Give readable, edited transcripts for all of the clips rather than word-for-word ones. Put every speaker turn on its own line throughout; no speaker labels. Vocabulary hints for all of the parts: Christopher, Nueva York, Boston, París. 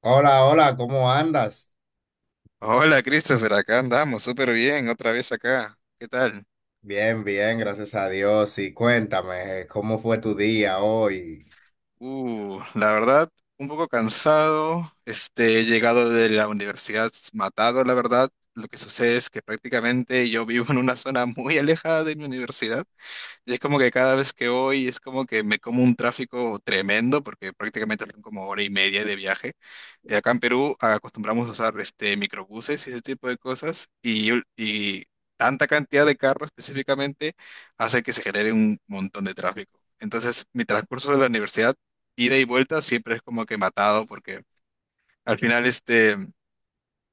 Hola, hola, ¿cómo andas?
Hola Christopher, acá andamos, súper bien, otra vez acá. ¿Qué tal?
Bien, bien, gracias a Dios. Y cuéntame, ¿cómo fue tu día hoy?
La verdad, un poco cansado, he llegado de la universidad matado, la verdad. Lo que sucede es que prácticamente yo vivo en una zona muy alejada de mi universidad. Y es como que cada vez que voy es como que me como un tráfico tremendo porque prácticamente son como hora y media de viaje. Acá en Perú acostumbramos a usar microbuses y ese tipo de cosas y tanta cantidad de carros específicamente hace que se genere un montón de tráfico. Entonces mi transcurso de la universidad, ida y vuelta, siempre es como que matado porque al final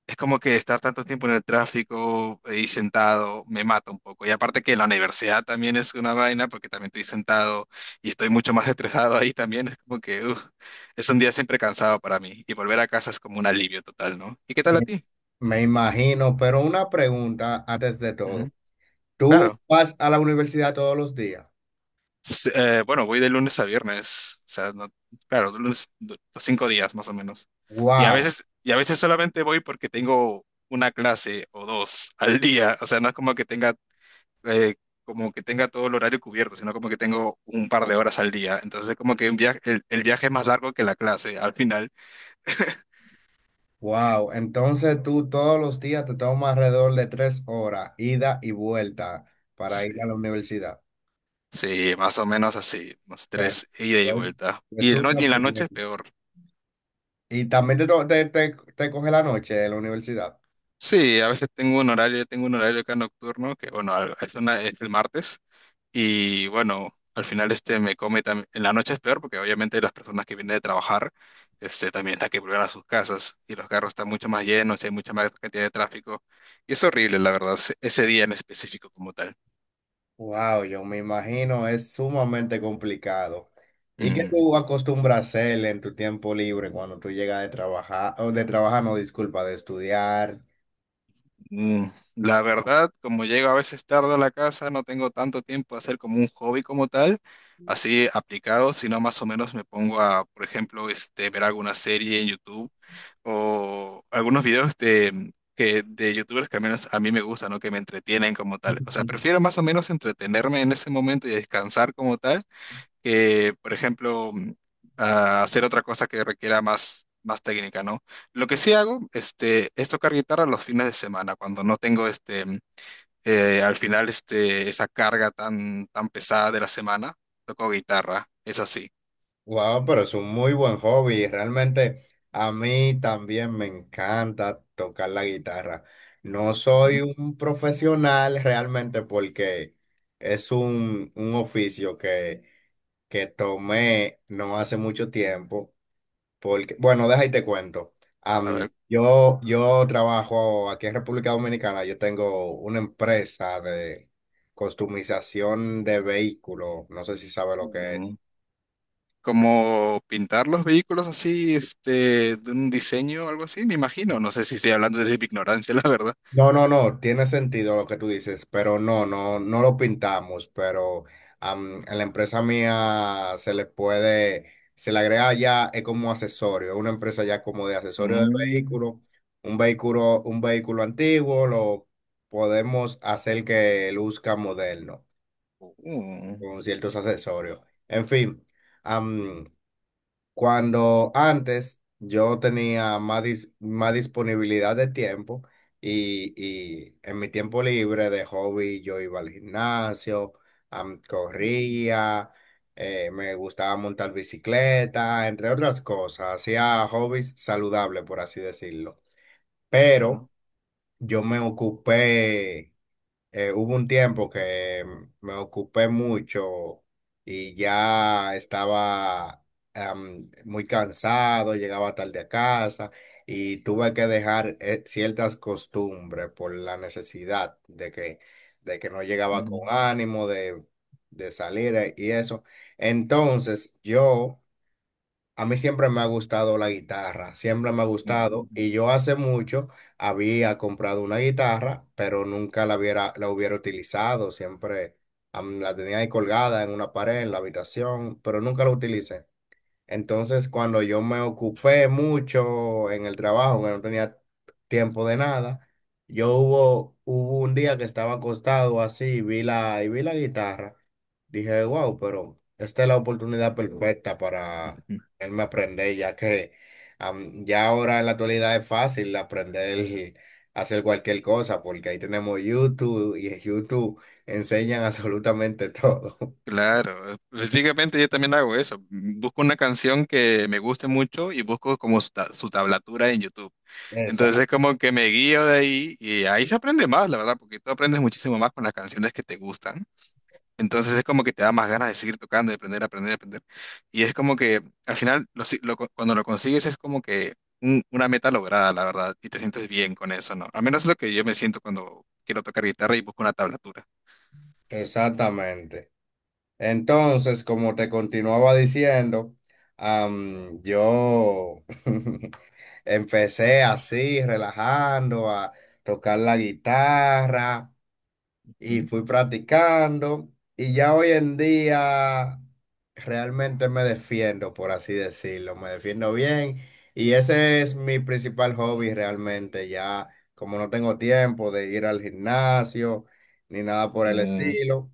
es como que estar tanto tiempo en el tráfico y sentado me mata un poco. Y aparte que la universidad también es una vaina porque también estoy sentado y estoy mucho más estresado ahí también. Es como que uf, es un día siempre cansado para mí. Y volver a casa es como un alivio total, ¿no? ¿Y qué tal a
Me
ti?
me imagino, pero una pregunta antes de
Ujú.
todo. ¿Tú
Claro.
vas a la universidad todos los días?
Bueno, voy de lunes a viernes. Claro, cinco días más o menos.
Wow,
Y a veces solamente voy porque tengo una clase o dos al día. O sea, no es eh, como que tenga todo el horario cubierto, sino como que tengo un par de horas al día. Entonces, como que un viaje, el viaje es más largo que la clase al final.
wow. Entonces tú todos los días te tomas alrededor de tres horas, ida y vuelta, para
Sí,
ir a la universidad.
sí, más o menos así, unos
Pero,
tres ida y
pues,
vuelta. Y, el no-
estudia
Y en la
muy
noche
bien.
es peor.
Y también te, te, te coge la noche en la universidad.
Sí, a veces tengo un horario acá nocturno, que bueno, es, es el martes. Y bueno, al final me come también. En la noche es peor porque obviamente las personas que vienen de trabajar, también están que volver a sus casas y los carros están mucho más llenos y hay mucha más cantidad de tráfico. Y es horrible, la verdad, ese día en específico como tal.
Wow, yo me imagino, es sumamente complicado. ¿Y qué
Mm.
tú acostumbras a hacer en tu tiempo libre cuando tú llegas de trabajar, o de trabajar, no, disculpa, de estudiar?
Mm. La verdad, como llego a veces tarde a la casa, no tengo tanto tiempo a hacer como un hobby como tal, así aplicado, sino más o menos me pongo a, por ejemplo, ver alguna serie en YouTube o algunos videos de de YouTubers que al menos a mí me gustan, ¿no? Que me entretienen como tal. O sea, prefiero más o menos entretenerme en ese momento y descansar como tal que, por ejemplo, a hacer otra cosa que requiera más técnica, ¿no? Lo que sí hago, es tocar guitarra los fines de semana, cuando no tengo, al final, esa carga tan pesada de la semana, toco guitarra, es así.
Wow, pero es un muy buen hobby. Realmente a mí también me encanta tocar la guitarra. No soy
Ujú.
un profesional realmente porque es un oficio que tomé no hace mucho tiempo. Porque, bueno, deja y te cuento.
A ver,
Yo trabajo aquí en República Dominicana, yo tengo una empresa de customización de vehículos, no sé si sabe lo que es.
mm, como pintar los vehículos así, de un diseño o algo así, me imagino. No sé si estoy hablando desde mi ignorancia, la verdad.
No, no, no, tiene sentido lo que tú dices, pero no, no, no lo pintamos, pero a la empresa mía se le puede, se le agrega ya es como accesorio, una empresa ya como de accesorio de
Mm.
vehículo, un vehículo, un vehículo antiguo, lo podemos hacer que luzca moderno
Mm.
con ciertos accesorios. En fin, cuando antes yo tenía más, más disponibilidad de tiempo y, y en mi tiempo libre de hobby yo iba al gimnasio,
Ujú.
corría, me gustaba montar bicicleta, entre otras cosas, hacía hobbies saludables, por así decirlo. Pero
Claro.
yo me ocupé, hubo un tiempo que me ocupé mucho y ya estaba, muy cansado, llegaba tarde a casa y tuve que dejar, ciertas costumbres por la necesidad de que no llegaba
Ujú.
con ánimo de salir, y eso. Entonces yo, a mí siempre me ha gustado la guitarra, siempre me ha gustado y yo hace mucho había comprado una guitarra, pero nunca la hubiera, la hubiera utilizado, siempre la tenía ahí colgada en una pared, en la habitación, pero nunca la utilicé. Entonces, cuando yo me ocupé mucho en el trabajo, que no tenía tiempo de nada, yo hubo, hubo un día que estaba acostado así y vi la guitarra. Dije, wow, pero esta es la oportunidad perfecta para
Mm.
él aprender, ya que ya ahora en la actualidad es fácil aprender a hacer cualquier cosa, porque ahí tenemos YouTube y en YouTube enseñan absolutamente todo.
Claro, específicamente yo también hago eso. Busco una canción que me guste mucho y busco como su tablatura en YouTube.
Esa-
Entonces es como que me guío de ahí y ahí se aprende más, la verdad, porque tú aprendes muchísimo más con las canciones que te gustan. Entonces es como que te da más ganas de seguir tocando, de aprender, aprender, aprender. Y es como que al final, lo si- lo co- cuando lo consigues es como que una meta lograda, la verdad, y te sientes bien con eso, ¿no? Al menos es lo que yo me siento cuando quiero tocar guitarra y busco una tablatura.
Exactamente. Entonces, como te continuaba diciendo, yo empecé así, relajando, a tocar la guitarra y fui practicando. Y ya hoy en día realmente me defiendo, por así decirlo, me defiendo bien. Y ese es mi principal hobby realmente, ya como no tengo tiempo de ir al gimnasio ni nada por el
Mm.
estilo.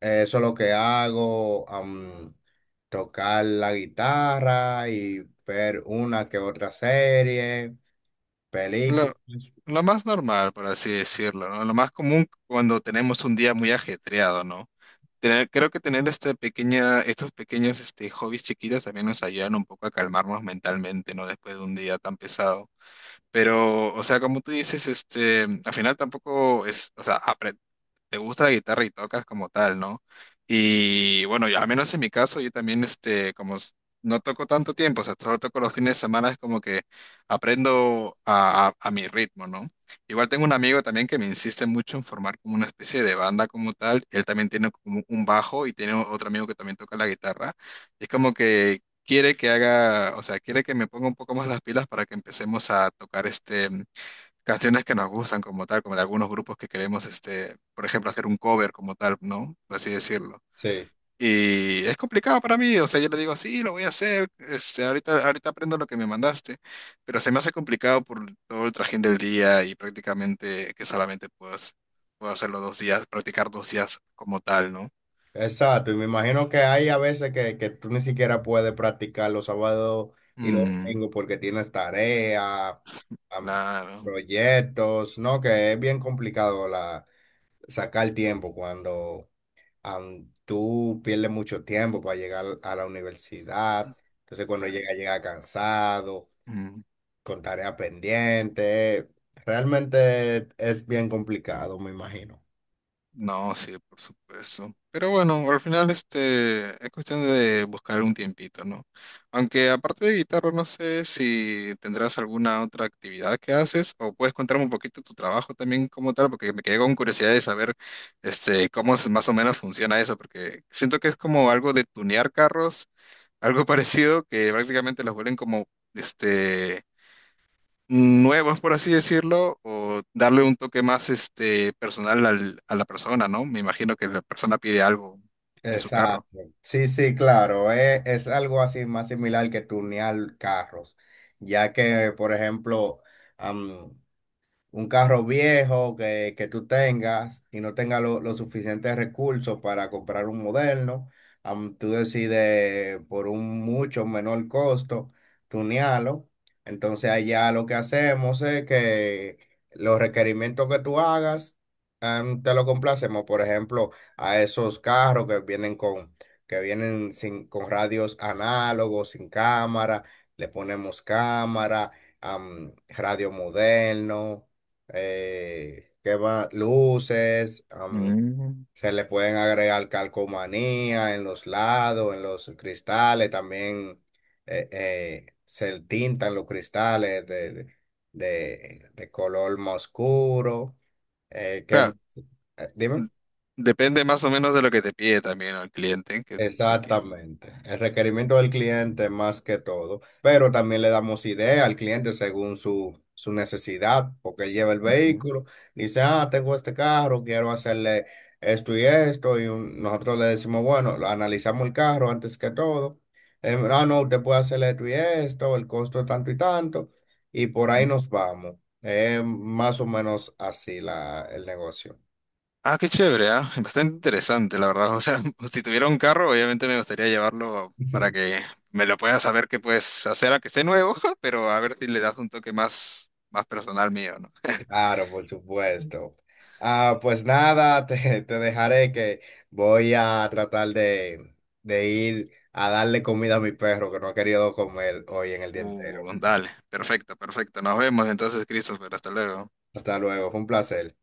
Eso es lo que hago, tocar la guitarra y ver una que otra serie,
Lo,
películas.
lo más normal, por así decirlo, ¿no? Lo más común cuando tenemos un día muy ajetreado, ¿no? Creo que tener esta pequeña, estos pequeños hobbies chiquitos también nos ayudan un poco a calmarnos mentalmente, ¿no? Después de un día tan pesado. Pero, o sea, como tú dices, al final tampoco es, o sea, te gusta la guitarra y tocas como tal, ¿no? Y bueno, al menos en mi caso, yo también, como no toco tanto tiempo, o sea, solo toco los fines de semana, es como que aprendo a mi ritmo, ¿no? Igual tengo un amigo también que me insiste mucho en formar como una especie de banda como tal, él también tiene como un bajo y tiene otro amigo que también toca la guitarra, es como que quiere que haga, o sea, quiere que me ponga un poco más las pilas para que empecemos a tocar canciones que nos gustan como tal, como de algunos grupos que queremos por ejemplo, hacer un cover como tal, ¿no? Por así decirlo.
Sí,
Y es complicado para mí, o sea, yo le digo, sí, lo voy a hacer, ahorita, ahorita aprendo lo que me mandaste, pero se me hace complicado por todo el trajín del día y prácticamente que solamente puedo, puedo hacerlo dos días, practicar dos días como tal, ¿no?
exacto. Y me imagino que hay a veces que tú ni siquiera puedes practicar los sábados y los
Mm,
domingos porque tienes tareas, am,
claro.
proyectos, ¿no? Que es bien complicado la, sacar tiempo cuando... tú pierdes mucho tiempo para llegar a la universidad. Entonces, cuando llega, llega cansado,
Mm.
con tarea pendiente. Realmente es bien complicado, me imagino.
No, sí, por supuesto. Pero bueno, al final es cuestión de buscar un tiempito, ¿no? Aunque aparte de guitarra, no sé si tendrás alguna otra actividad que haces o puedes contarme un poquito tu trabajo también como tal, porque me quedé con curiosidad de saber cómo más o menos funciona eso, porque siento que es como algo de tunear carros, algo parecido que prácticamente los vuelven como este nuevos, por así decirlo, o darle un toque más personal a la persona, ¿no? Me imagino que la persona pide algo en su carro.
Exacto. Sí, sí, claro. Es algo así más similar que tunear carros, ya que, por ejemplo, un carro viejo que tú tengas y no tengas los suficientes recursos para comprar un moderno, tú decides por un mucho menor costo tunearlo. Entonces allá lo que hacemos es que los requerimientos que tú hagas, te lo complacemos, por ejemplo, a esos carros que vienen con, que vienen sin, con radios análogos, sin cámara, le ponemos cámara, radio moderno, ¿qué más? Luces,
Mm.
se le pueden agregar calcomanía en los lados, en los cristales, también, se tintan los cristales de color más oscuro. Que,
Claro,
dime.
n- depende más o menos de lo que te pide también, ¿no?, el cliente. Que, que- que-
Exactamente. El requerimiento del cliente más que todo. Pero también le damos idea al cliente según su, su necesidad, porque él lleva el
ujú,
vehículo, dice, ah, tengo este carro, quiero hacerle esto y esto. Y nosotros le decimos, bueno, lo analizamos el carro antes que todo. Ah, no, usted puede hacerle esto y esto, el costo es tanto y tanto. Y por ahí
ujú.
nos vamos. Es más o menos así la, el negocio.
Ah, qué chévere, ¿ah? Bastante interesante, la verdad. O sea, si tuviera un carro, obviamente me gustaría llevarlo para que me lo pueda saber qué puedes hacer, a que esté nuevo, pero a ver si le das un toque más, más personal mío, ¿no?
Claro, por supuesto. Ah, pues nada, te dejaré que voy a tratar de ir a darle comida a mi perro que no ha querido comer hoy en el día entero.
Dale, perfecto, perfecto. Nos vemos entonces, Christopher. Hasta luego.
Hasta luego, fue un placer.